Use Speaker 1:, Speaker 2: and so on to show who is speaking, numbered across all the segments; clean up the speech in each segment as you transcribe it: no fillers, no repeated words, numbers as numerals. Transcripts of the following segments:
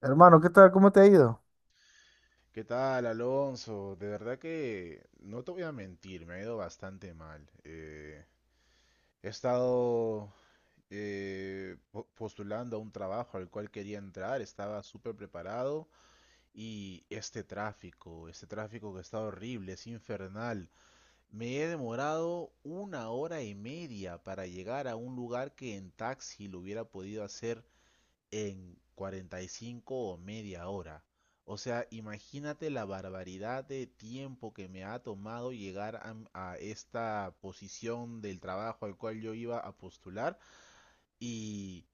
Speaker 1: Hermano, ¿qué tal? ¿Cómo te ha ido?
Speaker 2: ¿Qué tal, Alonso? De verdad que no te voy a mentir, me ha ido bastante mal. He estado postulando a un trabajo al cual quería entrar, estaba súper preparado y este tráfico que está horrible, es infernal. Me he demorado una hora y media para llegar a un lugar que en taxi lo hubiera podido hacer en 45 o media hora. O sea, imagínate la barbaridad de tiempo que me ha tomado llegar a esta posición del trabajo al cual yo iba a postular y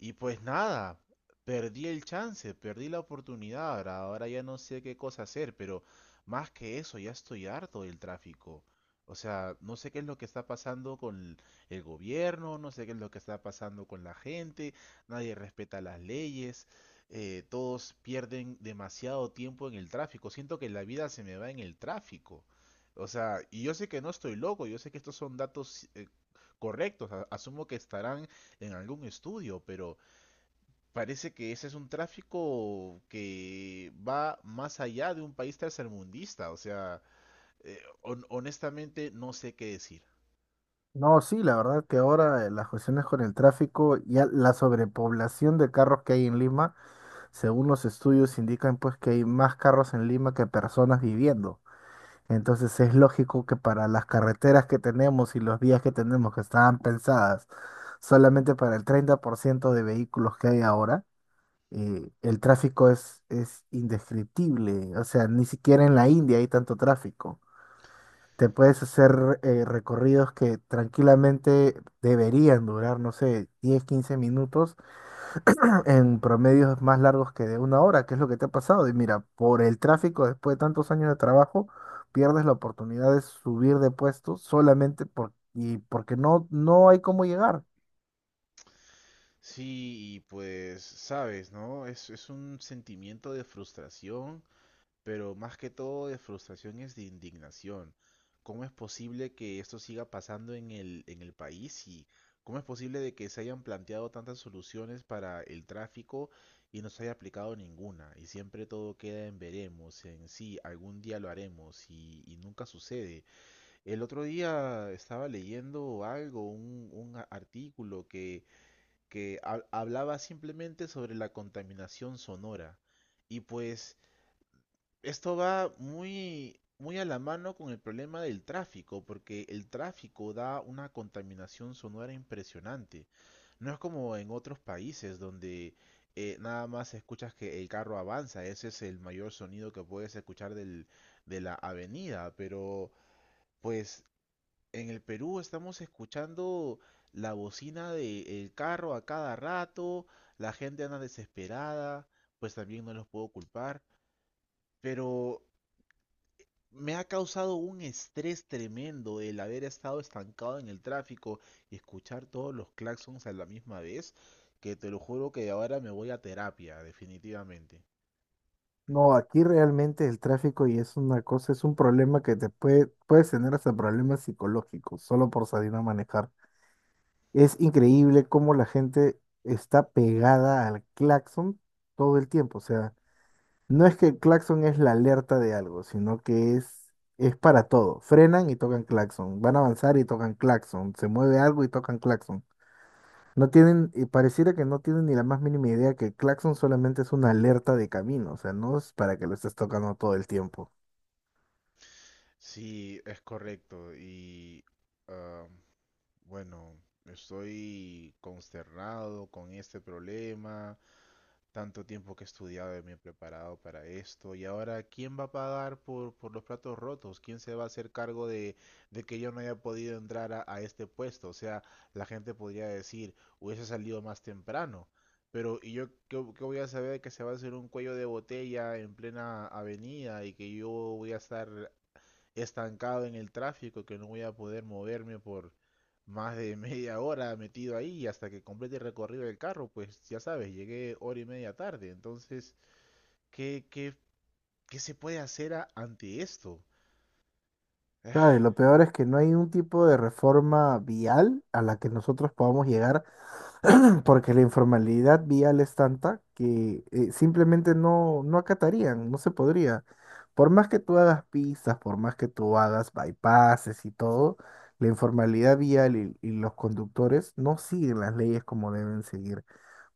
Speaker 2: y pues nada, perdí el chance, perdí la oportunidad. Ahora ya no sé qué cosa hacer, pero más que eso, ya estoy harto del tráfico. O sea, no sé qué es lo que está pasando con el gobierno, no sé qué es lo que está pasando con la gente, nadie respeta las leyes, todos pierden demasiado tiempo en el tráfico. Siento que la vida se me va en el tráfico. O sea, y yo sé que no estoy loco, yo sé que estos son datos correctos, asumo que estarán en algún estudio, pero parece que ese es un tráfico que va más allá de un país tercermundista, o sea, honestamente no sé qué decir.
Speaker 1: No, sí, la verdad que ahora las cuestiones con el tráfico y la sobrepoblación de carros que hay en Lima, según los estudios indican pues que hay más carros en Lima que personas viviendo. Entonces es lógico que para las carreteras que tenemos y los vías que tenemos que estaban pensadas solamente para el 30% de vehículos que hay ahora, el tráfico es indescriptible. O sea, ni siquiera en la India hay tanto tráfico. Te puedes hacer recorridos que tranquilamente deberían durar, no sé, 10 15 minutos en promedios más largos que de una hora, que es lo que te ha pasado. Y mira, por el tráfico después de tantos años de trabajo, pierdes la oportunidad de subir de puesto solamente por, y porque no hay cómo llegar.
Speaker 2: Sí, y pues sabes, ¿no? Es un sentimiento de frustración, pero más que todo de frustración es de indignación. ¿Cómo es posible que esto siga pasando en el país? ¿Y cómo es posible de que se hayan planteado tantas soluciones para el tráfico y no se haya aplicado ninguna? Y siempre todo queda en veremos, en sí, algún día lo haremos y nunca sucede. El otro día estaba leyendo algo, un artículo hablaba simplemente sobre la contaminación sonora. Y pues esto va muy, muy a la mano con el problema del tráfico, porque el tráfico da una contaminación sonora impresionante. No es como en otros países donde nada más escuchas que el carro avanza, ese es el mayor sonido que puedes escuchar de la avenida, pero pues en el Perú estamos escuchando la bocina del carro a cada rato, la gente anda desesperada, pues también no los puedo culpar, pero me ha causado un estrés tremendo el haber estado estancado en el tráfico y escuchar todos los claxons a la misma vez, que te lo juro que ahora me voy a terapia, definitivamente.
Speaker 1: No, aquí realmente el tráfico y es una cosa, es un problema que te puedes tener hasta problemas psicológicos solo por salir a manejar. Es increíble cómo la gente está pegada al claxon todo el tiempo. O sea, no es que el claxon es la alerta de algo, sino que es para todo. Frenan y tocan claxon, van a avanzar y tocan claxon, se mueve algo y tocan claxon. No tienen, y pareciera que no tienen ni la más mínima idea que el claxon solamente es una alerta de camino, o sea, no es para que lo estés tocando todo el tiempo.
Speaker 2: Sí, es correcto. Ah, Bueno, estoy consternado con este problema. Tanto tiempo que he estudiado y me he preparado para esto. Y ahora, ¿quién va a pagar por los platos rotos? ¿Quién se va a hacer cargo de que yo no haya podido entrar a este puesto? O sea, la gente podría decir, hubiese salido más temprano. Pero, ¿y yo qué voy a saber que se va a hacer un cuello de botella en plena avenida y que yo voy a estar estancado en el tráfico, que no voy a poder moverme por más de media hora metido ahí hasta que complete el recorrido del carro, pues ya sabes, llegué hora y media tarde? Entonces, ¿qué, qué, qué se puede hacer ante esto?
Speaker 1: Claro, y lo peor es que no hay un tipo de reforma vial a la que nosotros podamos llegar. Porque la informalidad vial es tanta que simplemente no acatarían, no se podría. Por más que tú hagas pistas, por más que tú hagas bypasses y todo, la informalidad vial y los conductores no siguen las leyes como deben seguir.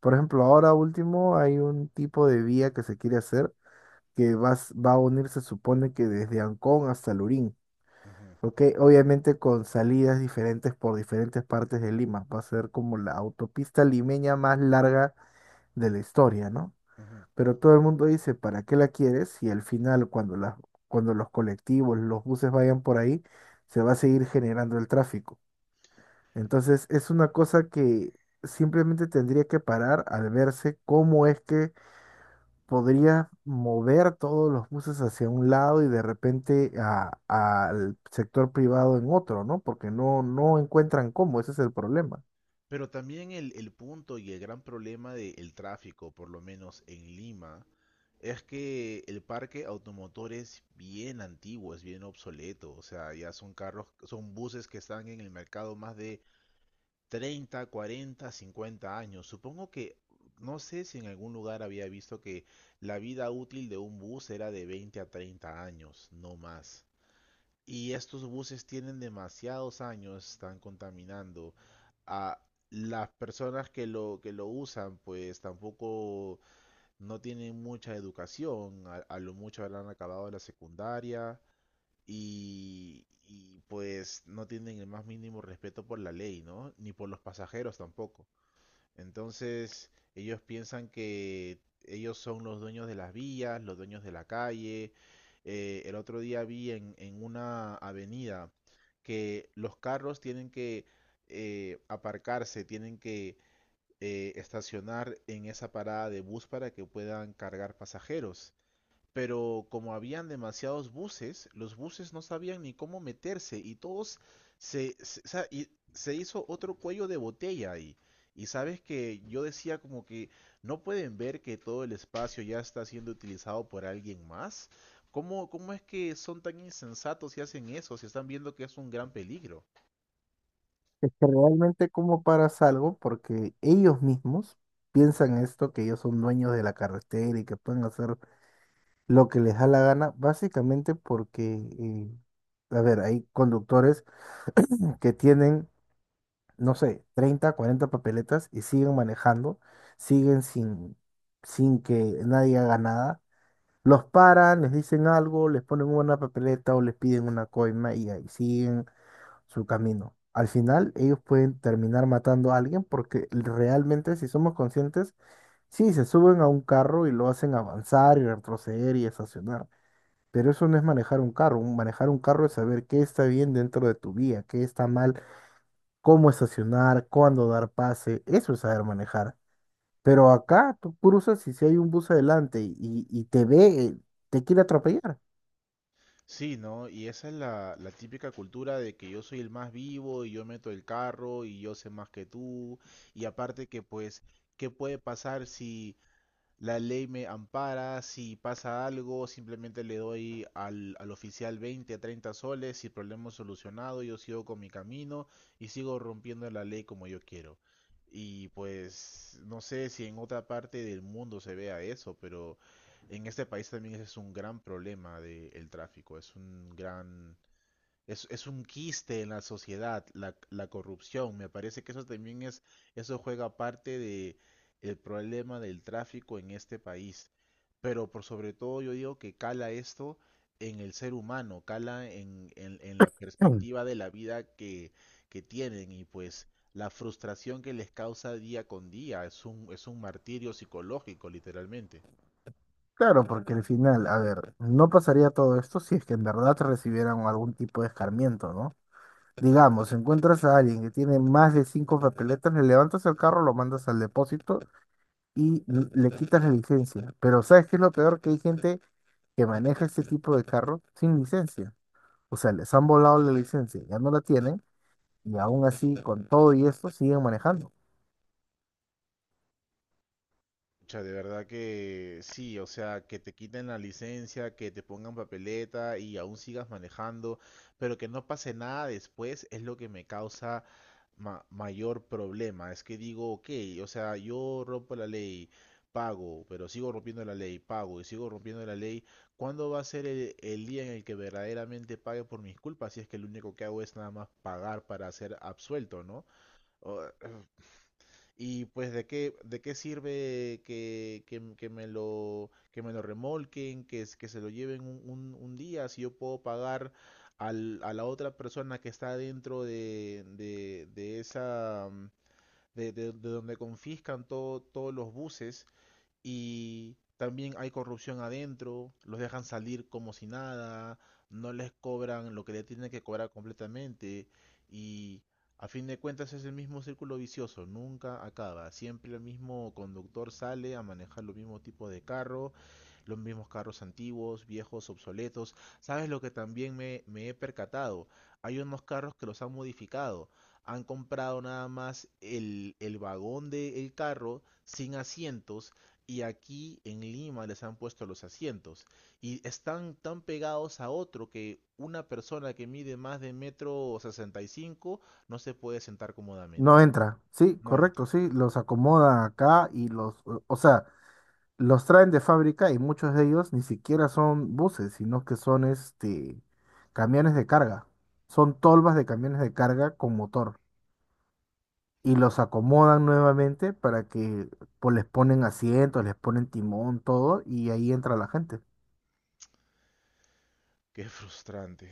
Speaker 1: Por ejemplo, ahora último hay un tipo de vía que se quiere hacer que va a unir, se supone que desde Ancón hasta Lurín.
Speaker 2: Ujú,
Speaker 1: Ok, obviamente con salidas diferentes por diferentes partes de Lima. Va a ser como la autopista limeña más larga de la historia, ¿no?
Speaker 2: ujú.
Speaker 1: Pero todo el mundo dice, ¿para qué la quieres? Si al final, cuando los colectivos, los buses vayan por ahí, se va a seguir generando el tráfico. Entonces, es una cosa que simplemente tendría que parar al verse cómo es que podría mover todos los buses hacia un lado y de repente al sector privado en otro, ¿no? Porque no encuentran cómo, ese es el problema.
Speaker 2: Pero también el punto y el gran problema del tráfico, por lo menos en Lima, es que el parque automotor es bien antiguo, es bien obsoleto. O sea, ya son carros, son buses que están en el mercado más de treinta, 40, 50 años. Supongo que, no sé si en algún lugar había visto que la vida útil de un bus era de 20 a 30 años, no más. Y estos buses tienen demasiados años, están contaminando. A las personas que lo usan, pues tampoco no tienen mucha educación, a lo mucho habrán acabado la secundaria pues no tienen el más mínimo respeto por la ley, ¿no? Ni por los pasajeros tampoco. Entonces ellos piensan que ellos son los dueños de las vías, los dueños de la calle. El otro día vi una avenida que los carros tienen que aparcarse, tienen que estacionar en esa parada de bus para que puedan cargar pasajeros, pero como habían demasiados buses, los buses no sabían ni cómo meterse y todos o sea, y se hizo otro cuello de botella ahí. Y sabes, que yo decía como que no pueden ver que todo el espacio ya está siendo utilizado por alguien más. ¿Cómo es que son tan insensatos y hacen eso si están viendo que es un gran peligro?
Speaker 1: Es que realmente cómo paras algo, porque ellos mismos piensan esto, que ellos son dueños de la carretera y que pueden hacer lo que les da la gana, básicamente porque, a ver, hay conductores que tienen no sé, 30 40 papeletas y siguen manejando, siguen sin que nadie haga nada. Los paran, les dicen algo, les ponen una papeleta o les piden una coima y ahí siguen su camino. Al final, ellos pueden terminar matando a alguien porque realmente, si somos conscientes, sí, se suben a un carro y lo hacen avanzar y retroceder y estacionar. Pero eso no es manejar un carro. Manejar un carro es saber qué está bien dentro de tu vía, qué está mal, cómo estacionar, cuándo dar pase, eso es saber manejar. Pero acá tú cruzas y si hay un bus adelante y te ve, te quiere atropellar.
Speaker 2: Sí, ¿no? Y esa es la típica cultura de que yo soy el más vivo y yo meto el carro y yo sé más que tú. Y aparte que pues, ¿qué puede pasar? Si la ley me ampara, si pasa algo, simplemente le doy al oficial 20, 30 soles y problema solucionado, yo sigo con mi camino y sigo rompiendo la ley como yo quiero. Y pues no sé si en otra parte del mundo se vea eso, pero en este país también ese es un gran problema del tráfico, es un quiste en la sociedad, la corrupción. Me parece que eso también eso juega parte de el problema del tráfico en este país. Pero por sobre todo yo digo que cala esto en el ser humano, cala en la
Speaker 1: Mm.
Speaker 2: perspectiva de la vida que tienen, y pues la frustración que les causa día con día es un martirio psicológico, literalmente.
Speaker 1: Claro, porque al final, a ver, no pasaría todo esto si es que en verdad recibieran algún tipo de escarmiento, ¿no? Digamos, encuentras a alguien que tiene más de cinco papeletas, le levantas el carro, lo mandas al depósito y le quitas la licencia. Pero ¿sabes qué es lo peor? Que hay gente que maneja este tipo de carro sin licencia. O sea, les han volado la licencia, ya no la tienen. Y aún así, con todo y esto, siguen manejando.
Speaker 2: Pucha, de verdad que sí, o sea, que te quiten la licencia, que te pongan papeleta y aún sigas manejando, pero que no pase nada después es lo que me causa mayor problema. Es que digo, ok, o sea, yo rompo la ley, pago, pero sigo rompiendo la ley, pago y sigo rompiendo la ley. ¿Cuándo va a ser el día en el que verdaderamente pague por mis culpas? Si es que lo único que hago es nada más pagar para ser absuelto, ¿no? O- y pues, ¿de qué sirve que me lo remolquen, que se lo lleven un día, si yo puedo pagar a la otra persona que está dentro de, esa, de donde confiscan todos los buses? Y también hay corrupción adentro, los dejan salir como si nada, no les cobran lo que le tienen que cobrar completamente, y a fin de cuentas es el mismo círculo vicioso, nunca acaba, siempre el mismo conductor sale a manejar los mismos tipos de carro, los mismos carros antiguos, viejos, obsoletos. ¿Sabes lo que también me he percatado? Hay unos carros que los han modificado. Han comprado nada más el vagón del carro sin asientos, y aquí en Lima les han puesto los asientos y están tan pegados a otro que una persona que mide más de metro 65 no se puede sentar cómodamente.
Speaker 1: No entra. Sí,
Speaker 2: No entra.
Speaker 1: correcto, sí. Los acomodan acá y los, o sea, los traen de fábrica y muchos de ellos ni siquiera son buses, sino que son este camiones de carga. Son tolvas de camiones de carga con motor. Y los acomodan nuevamente para que pues, les ponen asientos, les ponen timón, todo, y ahí entra la gente.
Speaker 2: Qué frustrante.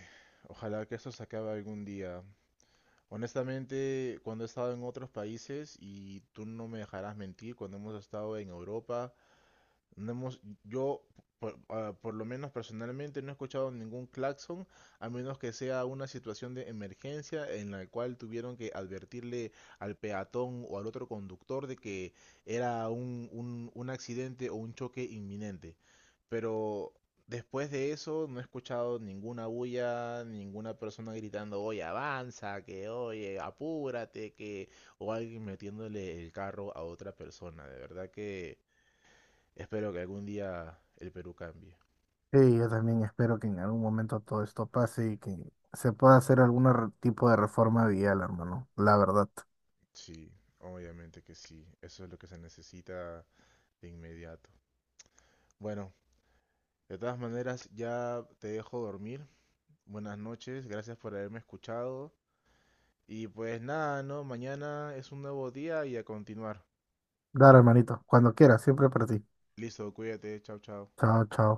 Speaker 2: Ojalá que esto se acabe algún día. Honestamente, cuando he estado en otros países, y tú no me dejarás mentir, cuando hemos estado en Europa. No hemos, yo, por, ah, Por lo menos personalmente, no he escuchado ningún claxon, a menos que sea una situación de emergencia en la cual tuvieron que advertirle al peatón o al otro conductor de que era un accidente o un choque inminente. Pero después de eso, no he escuchado ninguna bulla, ninguna persona gritando: oye, avanza, que oye, apúrate, que, o alguien metiéndole el carro a otra persona. De verdad que espero que algún día el Perú cambie.
Speaker 1: Sí, yo también espero que en algún momento todo esto pase y que se pueda hacer algún tipo de reforma vial, hermano. La verdad.
Speaker 2: Sí, obviamente que sí. Eso es lo que se necesita de inmediato. Bueno, de todas maneras, ya te dejo dormir. Buenas noches, gracias por haberme escuchado. Y pues nada, ¿no? Mañana es un nuevo día y a continuar.
Speaker 1: Dale, hermanito. Cuando quieras, siempre para ti.
Speaker 2: Listo, cuídate, chao, chao.
Speaker 1: Chao, chao.